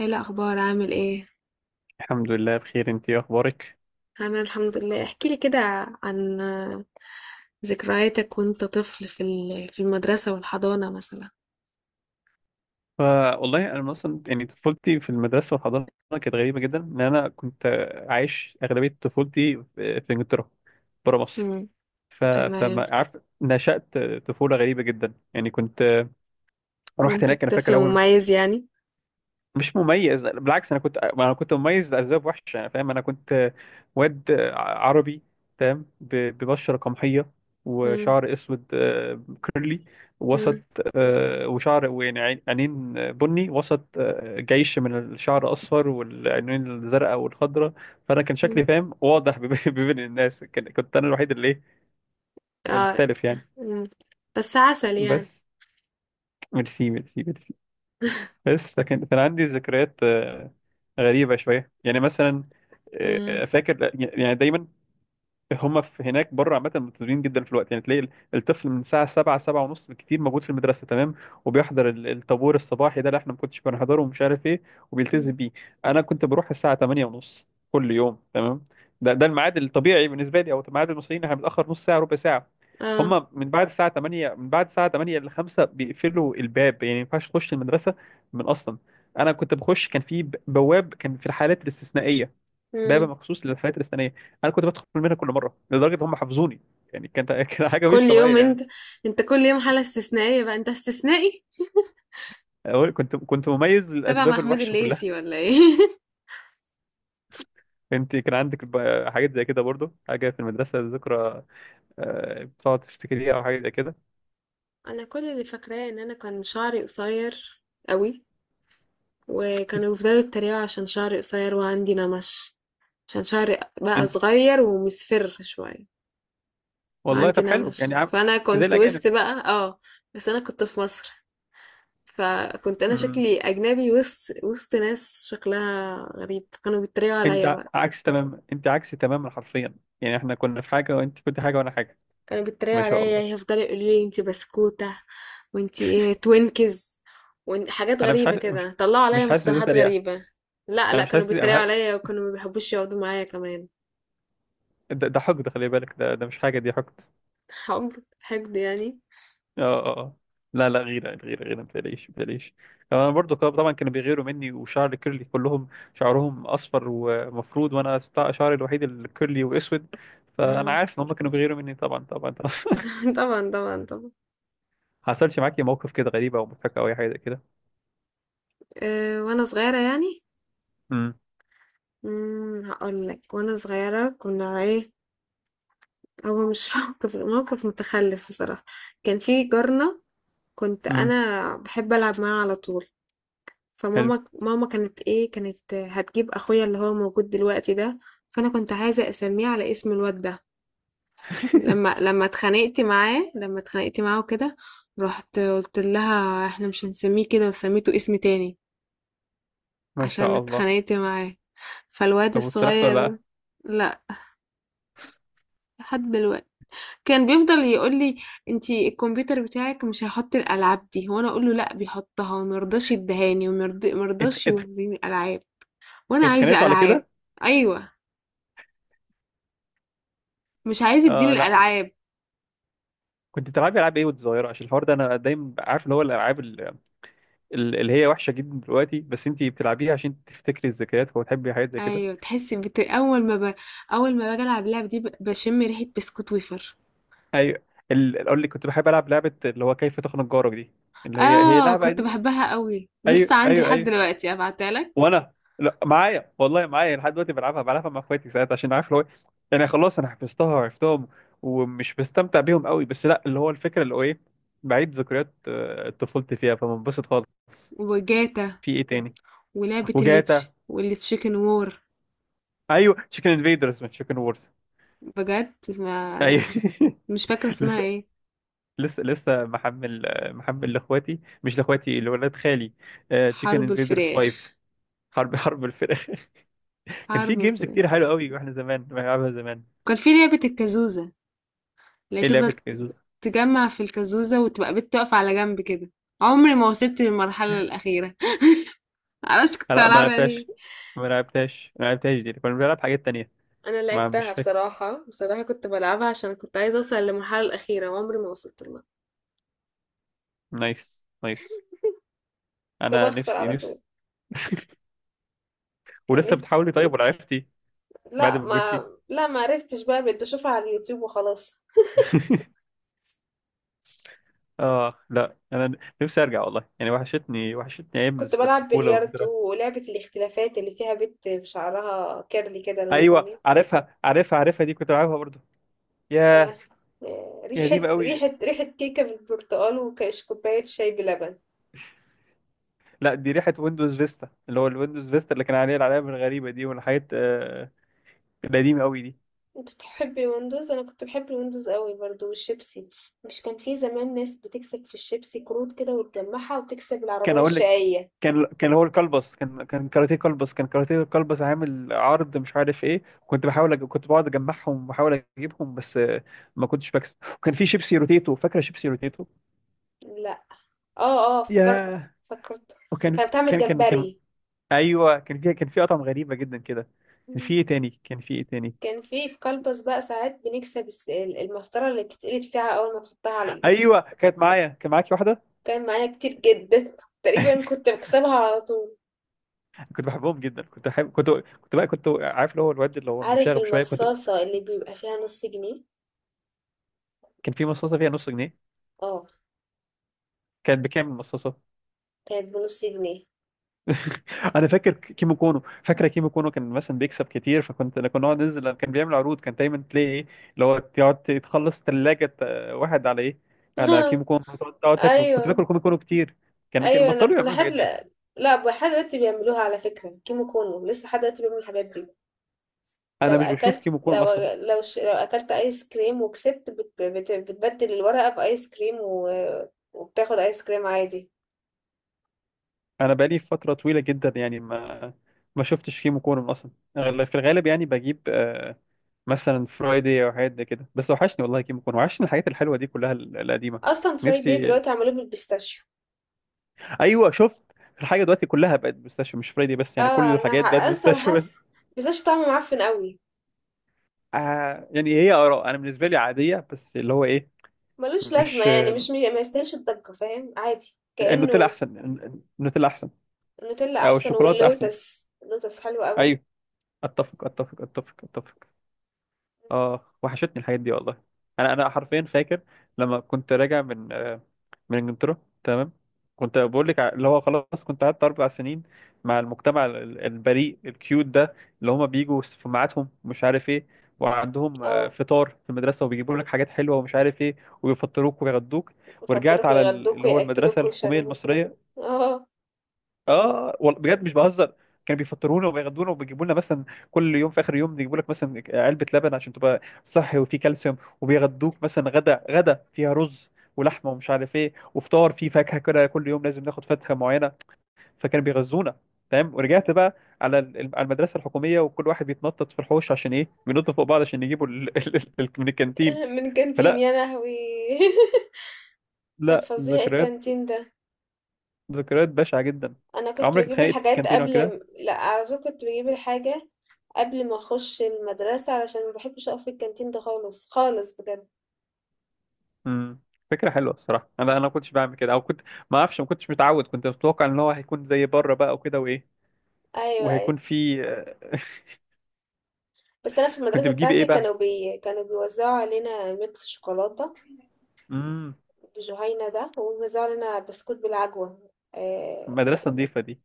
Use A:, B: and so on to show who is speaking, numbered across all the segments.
A: ايه الاخبار؟ عامل ايه؟
B: الحمد لله بخير. انت ايه اخبارك؟
A: انا الحمد لله. احكي لي كده عن ذكرياتك وانت طفل في في المدرسة والحضانة مثلا.
B: ف- والله انا مثلا يعني طفولتي في المدرسه والحضانه كانت غريبه جدا ان انا كنت عايش اغلبيه طفولتي في انجلترا، بره مصر.
A: امم.
B: ف...
A: تمام.
B: فما عارف، نشأت طفوله غريبه جدا، يعني كنت رحت
A: كنت
B: هناك. انا فاكر
A: طفل
B: اول،
A: مميز يعني؟
B: مش مميز لا، بالعكس، انا كنت، ما انا كنت مميز لاسباب وحشه انا فاهم. انا كنت واد عربي، تمام، ببشره قمحيه
A: امم.
B: وشعر اسود، كيرلي، وسط،
A: امم.
B: وشعر، ويعني عينين بني، وسط جيش من الشعر اصفر والعينين الزرقاء والخضراء. فانا كان
A: أمم.
B: شكلي فاهم واضح بين الناس، كنت انا الوحيد اللي
A: اه.
B: المختلف يعني.
A: أمم. بس عسل يعني.
B: بس ميرسي ميرسي ميرسي. بس فكان كان عندي ذكريات غريبة شوية، يعني مثلا،
A: امم.
B: فاكر يعني، دايما هم في هناك بره عامة ملتزمين جدا في الوقت، يعني تلاقي الطفل من الساعة سبعة، سبعة ونص بالكتير، موجود في المدرسة، تمام، وبيحضر الطابور الصباحي ده اللي احنا ما كنتش بنحضره ومش عارف ايه، وبيلتزم
A: أمم.
B: بيه. أنا كنت بروح الساعة تمانية ونص كل يوم، تمام، ده الميعاد الطبيعي بالنسبة لي، أو ميعاد المصريين، احنا بنتأخر نص ساعة، ربع ساعة. هم
A: اه.
B: من بعد الساعة 8، ل 5 بيقفلوا الباب، يعني ما ينفعش تخش المدرسة من أصلا. أنا كنت بخش، كان في بواب، كان في الحالات الاستثنائية باب
A: أمم.
B: مخصوص للحالات الاستثنائيه، انا كنت بدخل منها كل مره، لدرجه ان هم حافظوني. يعني كانت كانت حاجه
A: كل
B: مش طبيعيه
A: يوم انت
B: يعني.
A: انت كل يوم حالة استثنائية بقى، انت استثنائي.
B: كنت مميز
A: تبع
B: للاسباب
A: محمود
B: الوحشه كلها.
A: الليثي ولا ايه؟
B: انت كان عندك حاجات زي كده برضو، حاجه في المدرسه، ذكرى بتقعد تفتكريها او حاجه زي كده؟
A: انا كل اللي فاكراه ان انا كان شعري قصير قوي، وكانوا بيفضلوا يتريقوا عشان شعري قصير وعندي نمش، عشان شعري بقى
B: انت،
A: صغير ومصفر شوية
B: والله
A: وعندي
B: طب حلو يعني
A: نمش، فأنا
B: زي
A: كنت وسط
B: الاجانب.
A: بقى اه. بس أنا كنت في مصر، فكنت أنا
B: مم.
A: شكلي أجنبي وسط ناس شكلها غريب، كانوا بيتريقوا
B: انت
A: عليا بقى.
B: عكس، تمام، انت عكس تماما، حرفيا، يعني احنا كنا في حاجه وانت كنت حاجه وانا حاجه.
A: كانوا بيتريقوا
B: ما شاء
A: عليا،
B: الله.
A: يعني يفضلوا يقولوا لي انتي بسكوتة، وانتي ايه توينكز، وحاجات
B: انا مش
A: غريبة
B: حاسس مش
A: كده طلعوا عليا
B: مش حاسس ده
A: مصطلحات
B: تريقه.
A: غريبة. لا
B: انا
A: لا،
B: مش
A: كانوا
B: حاسس دي،
A: بيتريقوا عليا وكانوا ما بيحبوش يقعدوا معايا كمان.
B: ده حقد، خلي بالك، ده ده مش حاجه، دي حقد.
A: حقد حقد يعني؟
B: اه، اه، آه. لا لا، غيرة، غيرة، غيرة، متقلقيش متقلقيش. انا برضو طبعا كانوا بيغيروا مني، وشعر كيرلي، كلهم شعرهم اصفر ومفروض وانا شعري الوحيد الكيرلي واسود، فانا
A: مم.
B: عارف ان هم كانوا بيغيروا مني، طبعا طبعا طبعا.
A: طبعا طبعا طبعا.
B: حصلش معاكي موقف كده غريب او مضحك او اي حاجه كده؟
A: أه وانا صغيرة يعني.
B: امم،
A: مم، هقول لك. وانا صغيرة كنا ايه، هو مش موقف متخلف بصراحة. كان في جارنا، كنت
B: امم،
A: انا بحب العب معاه على طول.
B: حلو.
A: فماما ماما كانت كانت هتجيب اخويا اللي هو موجود دلوقتي ده. فانا كنت عايزة اسميه على اسم الواد ده. لما لما اتخانقت معاه لما اتخانقت معاه وكده، رحت قلت لها احنا مش هنسميه كده، وسميته اسم تاني
B: ما
A: عشان
B: شاء الله.
A: اتخانقت معاه. فالواد
B: طب واتسرحتوا ولا
A: الصغير.
B: لا؟
A: لا، لحد دلوقتي كان بيفضل يقول لي انتي الكمبيوتر بتاعك مش هيحط الالعاب دي، وانا اقول له لا بيحطها، ومرضاش يدهاني
B: اتخ...
A: ومرضاش
B: اتخ...
A: يوريني العاب وانا عايزه
B: اتخانقتوا على
A: العاب.
B: كده؟
A: ايوه، مش عايز يديني
B: آه لا.
A: الالعاب.
B: كنت بتلعبي العاب ايه وانت صغيره؟ عشان الحوار ده انا دايما عارف اللي هو الالعاب اللي هي وحشه جدا دلوقتي، بس انت بتلعبيها عشان تفتكري الذكريات وتحبي حاجات زي كده.
A: ايوه، تحس اول ما باجي العب اللعب دي بشم ريحه بسكوت ويفر.
B: ايوه، اقول لك، كنت بحب العب لعبه اللي هو كيف تخنق جارك دي، اللي هي هي
A: اه
B: لعبه
A: كنت
B: دي.
A: بحبها قوي، لسه
B: ايوه
A: عندي
B: ايوه
A: لحد
B: ايوه.
A: دلوقتي، ابعتها لك.
B: وانا، لا، معايا، والله معايا لحد دلوقتي، بلعبها، بلعبها مع اخواتي ساعات عشان عارف اللي هو يعني خلاص انا حفظتها وعرفتهم ومش بستمتع بيهم قوي، بس لا، اللي هو الفكره اللي هو ايه، بعيد ذكريات طفولتي فيها، فبنبسط خالص.
A: وجاتا
B: في ايه تاني؟
A: ولعبه الليتش
B: وجاتا.
A: والتشيكن وور.
B: ايوه، تشيكن انفيدرز من تشيكن وورز.
A: بجد اسمها
B: ايوه.
A: انا مش فاكره اسمها
B: لسه
A: ايه.
B: لسه محمل لاخواتي، مش لاخواتي، لولاد خالي. تشيكن
A: حرب
B: انفيدرز
A: الفراخ.
B: 5، حرب الفراخ. كان
A: حرب
B: في جيمز
A: الفراخ.
B: كتير حلوه قوي واحنا زمان بنلعبها زمان.
A: كان في لعبه الكازوزه اللي
B: ايه
A: تفضل
B: لعبه كيزوز؟
A: تجمع في الكازوزه وتبقى بت تقف على جنب كده. عمري ما وصلت للمرحله الاخيره. معرفش كنت
B: لا، ما
A: بلعبها ليه.
B: لعبتهاش، دي كنا بنلعب حاجات تانية.
A: انا
B: ما مش
A: لعبتها
B: فاكر.
A: بصراحه، كنت بلعبها عشان كنت عايزه اوصل للمرحله الاخيره وعمري ما وصلت لها.
B: نايس نايس.
A: كنت
B: انا
A: بخسر
B: نفسي،
A: على
B: نفسي.
A: طول. كان
B: ولسه
A: نفسي.
B: بتحاولي طيب ولا عرفتي؟ بعد
A: لا
B: ما
A: ما
B: كبرتي.
A: لا ما عرفتش بقى، بقيت بشوفها على اليوتيوب وخلاص.
B: اه لا، انا نفسي ارجع والله، يعني وحشتني، وحشتني ايام
A: كنت بلعب
B: الطفوله والذكريات.
A: بلياردو ولعبة الاختلافات اللي فيها بنت بشعرها كيرلي كده لونه
B: ايوه،
A: بني.
B: عارفها عارفها عارفها، دي كنت بلعبها برضه.
A: آه،
B: ياه. يا
A: ريحة
B: قديمة قوي دي.
A: ريحة ريحة كيكة بالبرتقال وكاش كوباية شاي بلبن.
B: لا دي ريحة ويندوز فيستا، اللي هو الويندوز فيستا اللي كان عليه العلامة الغريبة دي والحاجات القديمة قوي دي.
A: انت تحب الويندوز؟ انا كنت بحب الويندوز قوي برضو، والشيبسي. مش كان في زمان ناس بتكسب في الشيبسي كروت كده وتجمعها وتكسب
B: كان
A: العربية
B: اقول لك،
A: الشقية؟
B: كان كان هو الكلبس، كان كان كاراتيه كلبس عامل عرض، مش عارف ايه، كنت كنت بقعد اجمعهم وبحاول اجيبهم، بس ما كنتش بكسب. وكان في شيبسي روتيتو، فاكرة شيبسي روتيتو؟
A: لا. اه اه،
B: ياه.
A: فكرت.
B: وكان
A: كانت بتعمل
B: كان.
A: جمبري.
B: ايوه، كان في، كان في، اطعم غريبة جدا كده. كان في
A: مم.
B: ايه تاني؟
A: كان في كلبس بقى ساعات بنكسب المسطرة اللي بتتقلب ساعة أول ما تحطها على إيدك.
B: ايوه. كانت معايا، كان معاكي واحدة.
A: كان معايا كتير جدا، تقريبا كنت بكسبها على طول.
B: كنت بحبهم جدا، كنت بحب، كنت بقى كنت عارف اللي هو الواد اللي هو
A: عارف
B: المشاغب شويه كنت.
A: المصاصة اللي بيبقى فيها نص جنيه؟
B: كان في مصاصه فيها نص جنيه،
A: اه
B: كان بكام المصاصه؟
A: كانت بنص جنيه.
B: انا فاكر كيمو كونو، فاكره كيمو كونو؟ كان مثلا بيكسب كتير، فكنت، كنا نقعد ننزل لما كان بيعمل عروض، كان دايما تلاقي ايه، اللي هو تقعد تخلص ثلاجه واحد على ايه، على كيمو كونو، تقعد، تقعد تاكله. كنت
A: ايوه
B: باكل كيمو كونو كتير. كان، كان
A: ايوه، انا
B: بطلوا
A: كل
B: يعملوا
A: حد
B: الحاجات دي.
A: لا. لا لحد دلوقتي بيعملوها على فكرة، كيمو كونو لسه لحد دلوقتي بيعمل الحاجات دي. لو
B: انا مش بشوف
A: اكلت
B: كيمو كونو
A: لو
B: اصلا،
A: لو ش... لو اكلت ايس كريم وكسبت، بتبدل الورقة بايس كريم وبتاخد ايس كريم عادي.
B: انا بقالي فتره طويله جدا يعني ما شفتش كيمو كونو اصلا. في الغالب يعني بجيب مثلا فرايدي او حاجات زي كده بس. وحشني والله كيمو كون، وحشني الحاجات الحلوه دي كلها، القديمه.
A: اصلا فرايد داي
B: نفسي.
A: دلوقتي عملوه بالبيستاشيو.
B: ايوه شفت، الحاجه دلوقتي كلها بقت بيستاشيو، مش فرايدي بس، يعني كل
A: اه انا
B: الحاجات بقت
A: اصلا
B: بيستاشيو
A: حاسه
B: بس.
A: بيستاشيو طعمه معفن قوي.
B: آه، يعني هي اراء، انا بالنسبه لي عاديه، بس اللي هو ايه،
A: ملوش لازمة
B: مش
A: يعني، مش مي- ما يستاهلش الضجة، فاهم؟ عادي
B: النوتيلا
A: كأنه.
B: احسن؟ النوتيلا احسن،
A: النوتيلا
B: او
A: أحسن،
B: الشوكولاته احسن.
A: واللوتس حلو قوي.
B: ايوه، اتفق، اتفق، اتفق، اتفق. اه، وحشتني الحاجات دي والله. انا حرفيا فاكر، لما كنت راجع من من انجلترا، تمام، كنت بقول لك اللي هو خلاص كنت قعدت اربع سنين مع المجتمع البريء الكيوت ده، اللي هما بيجوا في ميعادهم، مش عارف ايه، وعندهم
A: اه
B: فطار في المدرسه وبيجيبوا لك حاجات حلوه ومش عارف ايه، ويفطروك ويغدوك. ورجعت
A: يفطركوا
B: على اللي
A: يغدوكوا
B: هو المدرسه
A: يأكلوكوا
B: الحكوميه
A: يشربوكوا.
B: المصريه.
A: اه
B: اه والله بجد مش بهزر، كانوا بيفطرونا وبيغدونا وبيجيبوا لنا مثلا، كل يوم في اخر يوم يجيبوا لك مثلا علبه لبن عشان تبقى صحي وفيه كالسيوم، وبيغدوك مثلا غدا فيها رز ولحمه ومش عارف ايه، وفطار فيه فاكهه كده كل يوم، لازم ناخد فاكهه معينه، فكانوا بيغذونا، تمام. ورجعت بقى على على المدرسه الحكوميه، وكل واحد بيتنطط في الحوش عشان ايه، بينط فوق بعض، عشان يجيبوا من الكانتين.
A: من كانتين
B: فلا،
A: يا لهوي. كان
B: لا،
A: فظيع
B: ذكريات،
A: الكانتين ده.
B: ذكريات بشعه جدا.
A: انا كنت
B: عمرك
A: بجيب
B: اتخانقت في
A: الحاجات
B: الكانتين او كده؟
A: لا، على طول كنت بجيب الحاجة قبل ما اخش المدرسة، علشان ما بحبش اقف في الكانتين ده خالص، خالص بجد.
B: امم. فكرة حلوة الصراحة، انا ما كنتش بعمل كده، او كنت، ما اعرفش، ما كنتش متعود، كنت متوقع ان هو هيكون زي بره بقى وكده وايه،
A: ايوه ايوه،
B: وهيكون في
A: بس انا في
B: كنت
A: المدرسه
B: بتجيبي ايه
A: بتاعتي
B: بقى؟
A: كانوا بيوزعوا علينا ميكس شوكولاته
B: امم.
A: بجهينه ده، وبيوزعوا علينا بسكوت بالعجوه. آه...
B: مدرسة نظيفة دي.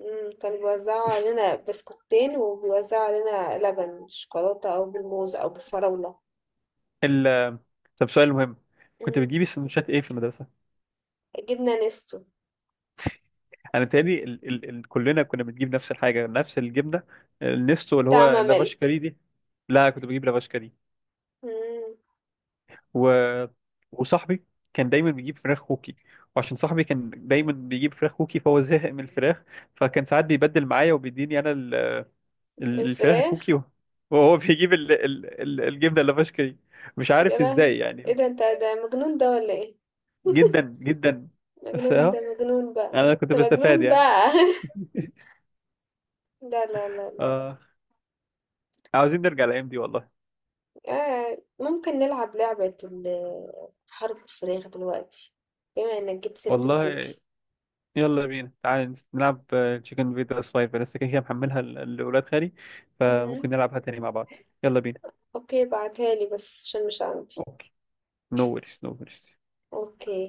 A: كانوا بيوزعوا علينا بسكوتين، وبيوزعوا علينا لبن شوكولاته او بالموز او بالفراوله.
B: ال... طب سؤال مهم، كنت
A: مم.
B: بتجيبي سندوتشات ايه في المدرسة؟
A: جبنه نستو.
B: انا بيتهيألي كلنا كنا بنجيب نفس الحاجة، نفس الجبنة النستو اللي هو
A: طعمه
B: لافاش
A: ملك.
B: كاري دي. لا، كنت بجيب لافاش كاري،
A: مم.
B: و... وصاحبي كان دايما بيجيب فراخ كوكي، وعشان صاحبي كان دايما بيجيب فراخ كوكي فهو زهق من الفراخ، فكان ساعات بيبدل معايا وبيديني انا الفراخ
A: الفراخ.
B: الكوكي، وهو بيجيب الجبنه اللافش دي. مش
A: يا
B: عارف
A: لهوي.
B: ازاي
A: ايه
B: يعني.
A: ده؟ انت ده مجنون ده ولا ايه؟
B: جدا جدا. بس
A: مجنون ده،
B: اه،
A: مجنون بقى،
B: انا كنت
A: انت
B: بستفاد
A: مجنون
B: يعني.
A: بقى. لا لا لا لا.
B: آه، عاوزين نرجع الايام دي والله.
A: ممكن نلعب لعبة حرب الفراخ دلوقتي، بما انك جبت سيرة
B: والله
A: الكوكي.
B: يلا بينا، تعالى نلعب. تشيكن فيتا سلايفر لسه كده كده محملها لاولاد خالي،
A: مم.
B: فممكن نلعبها تاني مع بعض. يلا بينا.
A: اوكي بعتها لي بس عشان مش عندي.
B: No worries, no worries.
A: اوكي.